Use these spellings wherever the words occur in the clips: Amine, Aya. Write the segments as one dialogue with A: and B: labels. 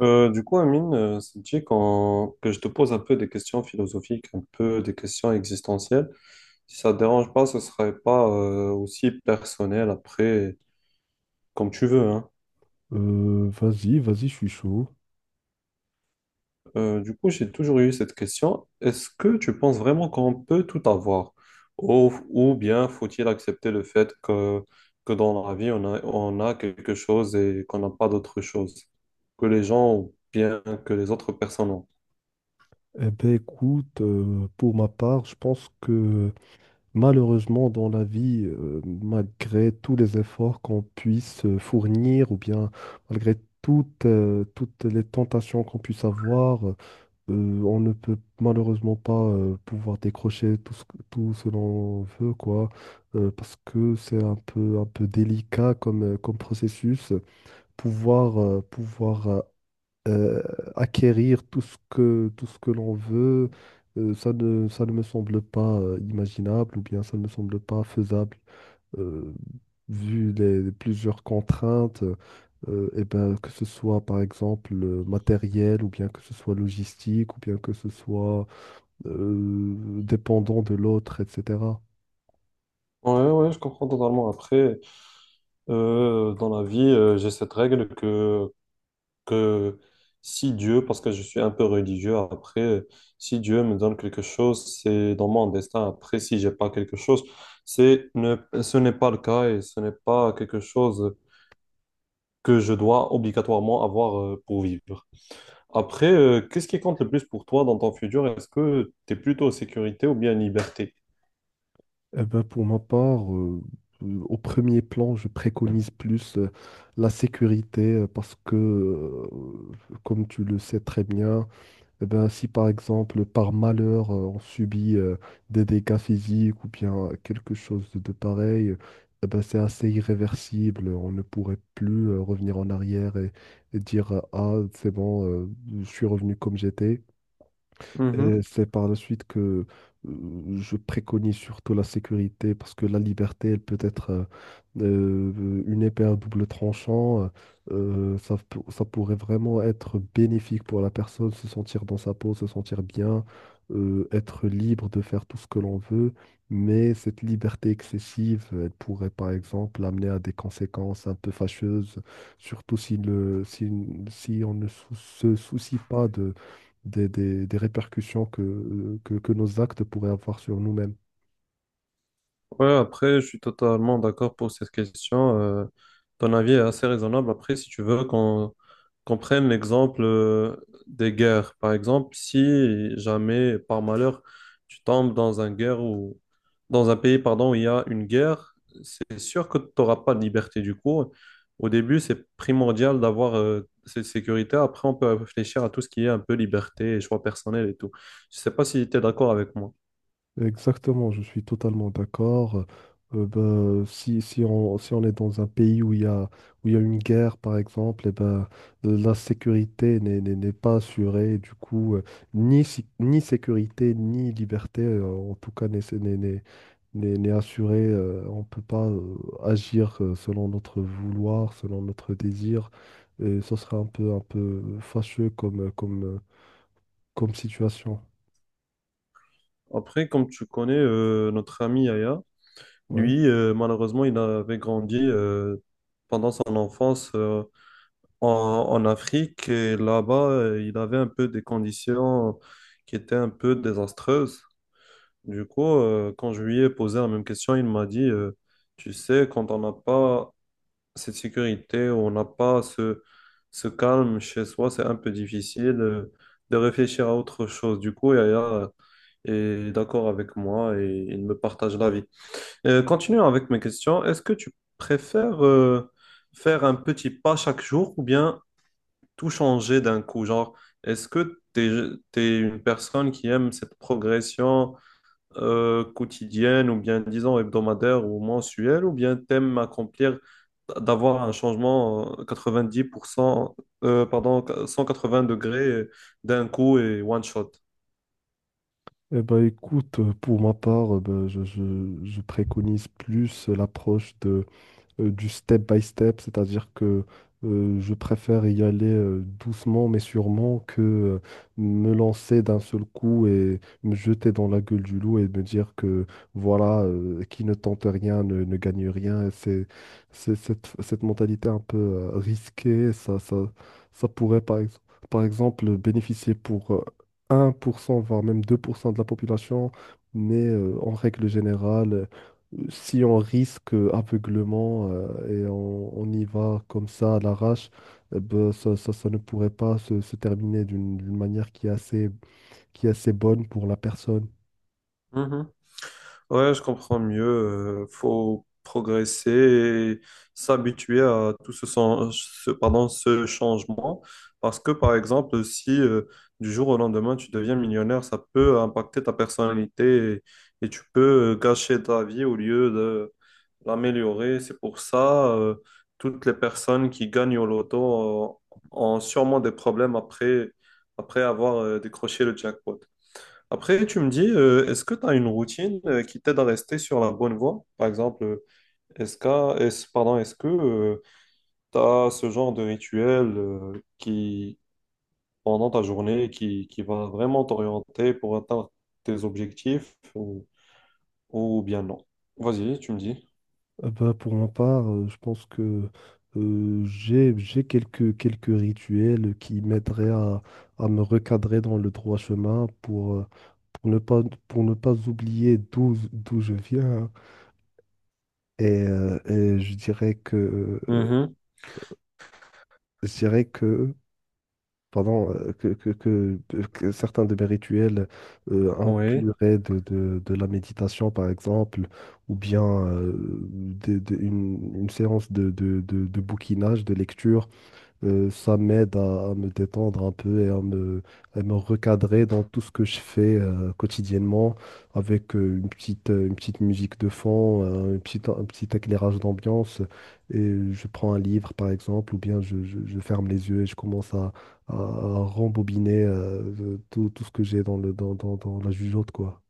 A: Du coup, Amine, ça te dit que je te pose un peu des questions philosophiques, un peu des questions existentielles. Si ça ne te dérange pas, ce ne serait pas aussi personnel après, comme tu veux, hein.
B: Vas-y, vas-y, je suis chaud.
A: Du coup, j'ai toujours eu cette question. Est-ce que tu penses vraiment qu'on peut tout avoir? Ou bien faut-il accepter le fait que dans la vie, on a quelque chose et qu'on n'a pas d'autre chose que les gens ou bien que les autres personnes ont?
B: Eh ben écoute, pour ma part, je pense que malheureusement dans la vie, malgré tous les efforts qu'on puisse fournir, ou bien malgré toutes les tentations qu'on puisse avoir, on ne peut malheureusement pas pouvoir décrocher tout ce l'on veut, quoi, parce que c'est un peu délicat comme processus pouvoir euh, acquérir tout ce que l'on veut. Ça ne me semble pas imaginable, ou bien ça ne me semble pas faisable euh, vu les plusieurs contraintes, et ben, que ce soit par exemple matériel, ou bien que ce soit logistique, ou bien que ce soit euh, dépendant de l'autre, etc.
A: Ouais, ouais, je comprends totalement. Après. Dans la vie, j'ai cette règle que si Dieu, parce que je suis un peu religieux après, si Dieu me donne quelque chose, c'est dans mon destin. Après, si j'ai pas quelque chose, c'est ne, ce n'est pas le cas et ce n'est pas quelque chose que je dois obligatoirement avoir pour vivre. Après, qu'est-ce qui compte le plus pour toi dans ton futur? Est-ce que tu es plutôt sécurité ou bien liberté?
B: Eh ben, pour ma part, au premier plan, je préconise plus la sécurité, parce que, comme tu le sais très bien, eh ben, si par exemple, par malheur, on subit des dégâts physiques ou bien quelque chose de pareil, eh ben, c'est assez irréversible. On ne pourrait plus revenir en arrière et dire, ah, c'est bon, je suis revenu comme j'étais. Et c'est par la suite que je préconise surtout la sécurité, parce que la liberté, elle peut être une épée à double tranchant. Ça pourrait vraiment être bénéfique pour la personne, se sentir dans sa peau, se sentir bien, être libre de faire tout ce que l'on veut. Mais cette liberté excessive, elle pourrait par exemple amener à des conséquences un peu fâcheuses, surtout si, le, si, si on ne sou- se soucie pas des répercussions que nos actes pourraient avoir sur nous-mêmes.
A: Ouais, après, je suis totalement d'accord pour cette question. Ton avis est assez raisonnable. Après, si tu veux qu'on prenne l'exemple des guerres. Par exemple, si jamais, par malheur, tu tombes dans un guerre ou dans un pays, pardon, où il y a une guerre, c'est sûr que tu n'auras pas de liberté du coup. Au début, c'est primordial d'avoir cette sécurité. Après, on peut réfléchir à tout ce qui est un peu liberté et choix personnel et tout. Je sais pas si tu es d'accord avec moi.
B: Exactement, je suis totalement d'accord. Ben, si on est dans un pays où il y a, une guerre, par exemple, et ben, la sécurité n'est pas assurée. Du coup, ni sécurité, ni liberté, en tout cas, n'est assurée. On ne peut pas agir selon notre vouloir, selon notre désir. Et ce serait un peu fâcheux comme situation.
A: Après, comme tu connais notre ami Aya,
B: Ouais.
A: lui, malheureusement, il avait grandi pendant son enfance en Afrique et là-bas, il avait un peu des conditions qui étaient un peu désastreuses. Du coup, quand je lui ai posé la même question, il m'a dit, tu sais, quand on n'a pas cette sécurité, on n'a pas ce calme chez soi, c'est un peu difficile de réfléchir à autre chose. Du coup, Yaya est d'accord avec moi et il me partage l'avis. Continuons avec mes questions. Est-ce que tu préfères faire un petit pas chaque jour ou bien tout changer d'un coup? Genre, est-ce que tu es, une personne qui aime cette progression quotidienne ou bien, disons, hebdomadaire ou mensuelle ou bien t'aimes accomplir, d'avoir un changement 90%, pardon, 180 degrés d'un coup et one shot?
B: Eh ben, écoute, pour ma part, ben, je préconise plus l'approche de du step by step, c'est-à-dire que je préfère y aller doucement mais sûrement, que me lancer d'un seul coup et me jeter dans la gueule du loup et me dire que voilà, qui ne tente rien ne gagne rien. Et cette mentalité un peu risquée, ça pourrait par exemple bénéficier pour 1% voire même 2% de la population, mais en règle générale, si on risque aveuglement et on y va comme ça à l'arrache, eh ben, ça ne pourrait pas se terminer d'une manière qui est assez bonne pour la personne.
A: Ouais, je comprends mieux. Faut progresser et s'habituer à tout pardon, ce changement. Parce que, par exemple, si du jour au lendemain, tu deviens millionnaire, ça peut impacter ta personnalité et tu peux gâcher ta vie au lieu de l'améliorer. C'est pour ça, toutes les personnes qui gagnent au loto ont sûrement des problèmes après avoir décroché le jackpot. Après, tu me dis, est-ce que tu as une routine qui t'aide à rester sur la bonne voie? Par exemple, pardon, est-ce que tu as ce genre de rituel qui, pendant ta journée, qui va vraiment t'orienter pour atteindre tes objectifs ou bien non? Vas-y, tu me dis.
B: Ben, pour ma part, je pense que j'ai quelques rituels qui m'aideraient à me recadrer dans le droit chemin, pour ne pas, pour ne pas oublier d'où je viens. Et je dirais que,
A: Mhm.
B: je dirais que pardon, que certains de mes rituels
A: Oui.
B: incluraient de la méditation, par exemple, ou bien une séance de bouquinage, de lecture. Ça m'aide à me détendre un peu et à me recadrer dans tout ce que je fais quotidiennement, avec une petite musique de fond, un petit éclairage d'ambiance. Et je prends un livre, par exemple, ou bien je ferme les yeux et je commence à rembobiner tout ce que j'ai dans le, dans, dans, dans la jugeote, quoi.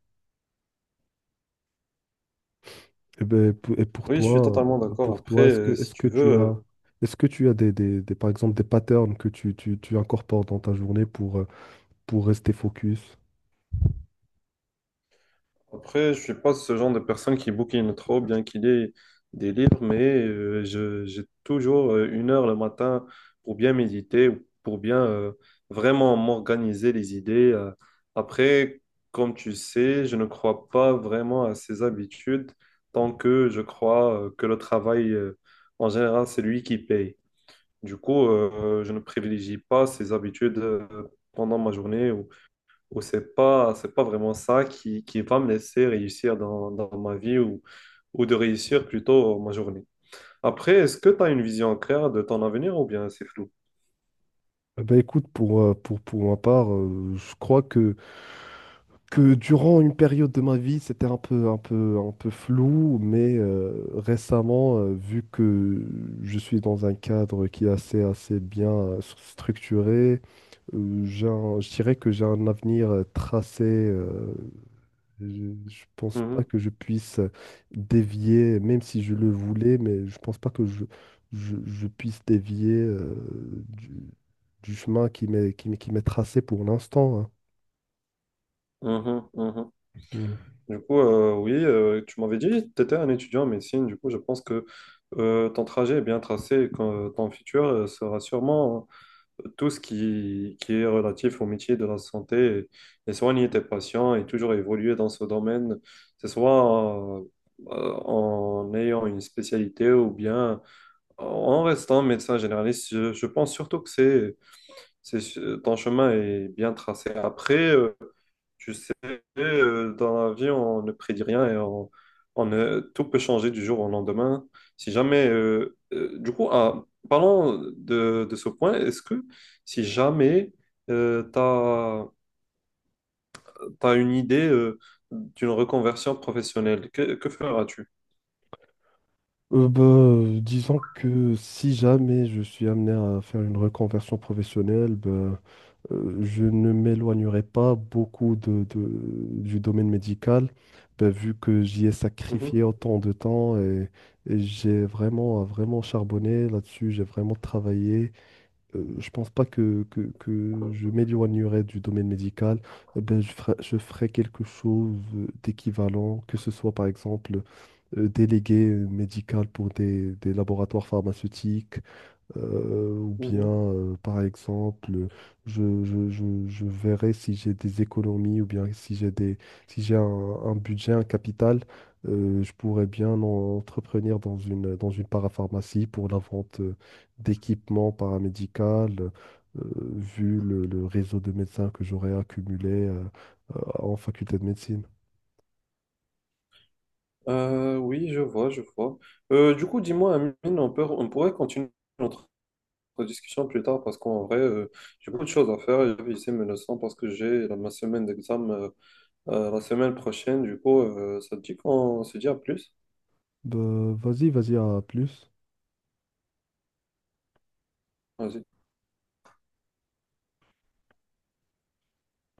B: Et, ben, pou- et pour
A: Oui, je suis
B: toi,
A: totalement
B: euh,
A: d'accord.
B: pour
A: Après,
B: toi, est-ce que,
A: si
B: est-ce
A: tu
B: que
A: veux.
B: tu as... Est-ce que tu as par exemple des patterns que tu incorpores dans ta journée pour rester focus?
A: Après, je suis pas ce genre de personne qui bouquine trop, bien qu'il ait des livres, mais j'ai toujours 1 heure le matin pour bien méditer, ou pour bien vraiment m'organiser les idées. Après, comme tu sais, je ne crois pas vraiment à ces habitudes tant que je crois que le travail, en général, c'est lui qui paye. Du coup, je ne privilégie pas ces habitudes pendant ma journée ou c'est pas vraiment ça qui va me laisser réussir dans ma vie ou de réussir plutôt ma journée. Après, est-ce que tu as une vision claire de ton avenir ou bien c'est flou?
B: Eh ben écoute, pour ma part, je crois que durant une période de ma vie, c'était un peu flou, mais récemment, vu que je suis dans un cadre qui est assez bien structuré, je dirais que j'ai un avenir tracé. Je, je pense pas
A: Mhm,
B: que je puisse dévier, même si je le voulais, mais je pense pas que je puisse dévier du, du chemin qui m'est tracé pour l'instant, hein.
A: mhm, mhm.
B: Mmh.
A: Du coup, oui, tu m'avais dit que tu étais un étudiant en médecine. Du coup, je pense que ton trajet est bien tracé et que ton futur sera sûrement tout ce qui est relatif au métier de la santé et soigner tes patients et toujours évoluer dans ce domaine, que ce soit en ayant une spécialité ou bien en restant médecin généraliste. Je pense surtout c'est, ton chemin est bien tracé. Après, tu sais, dans la vie, on ne prédit rien et on ne- tout peut changer du jour au lendemain. Si jamais, du coup, ah, parlons de ce point, est-ce que si jamais tu as, une idée d'une reconversion professionnelle, que feras-tu?
B: Bah, disons que si jamais je suis amené à faire une reconversion professionnelle, bah, je ne m'éloignerai pas beaucoup du domaine médical, bah, vu que j'y ai
A: Mhm,
B: sacrifié autant de temps et j'ai vraiment, vraiment charbonné là-dessus, j'ai vraiment travaillé. Je pense pas que je m'éloignerai du domaine médical. Ben, je ferai quelque chose d'équivalent, que ce soit par exemple délégué médical pour des laboratoires pharmaceutiques, ou bien,
A: mhm.
B: par exemple, je verrai si j'ai des économies, ou bien si j'ai un budget, un capital, je pourrais bien entreprendre dans une parapharmacie pour la vente d'équipements paramédicaux, vu le réseau de médecins que j'aurais accumulé en faculté de médecine.
A: Oui, je vois, je vois. Du coup, dis-moi, Amine, on pourrait continuer notre discussion plus tard parce qu'en vrai, j'ai beaucoup de choses à faire. Et puis, c'est menaçant parce que ma semaine d'examen la semaine prochaine. Du coup, ça te dit qu'on se dit à plus.
B: Bah, vas-y, vas-y, à plus.
A: Vas-y.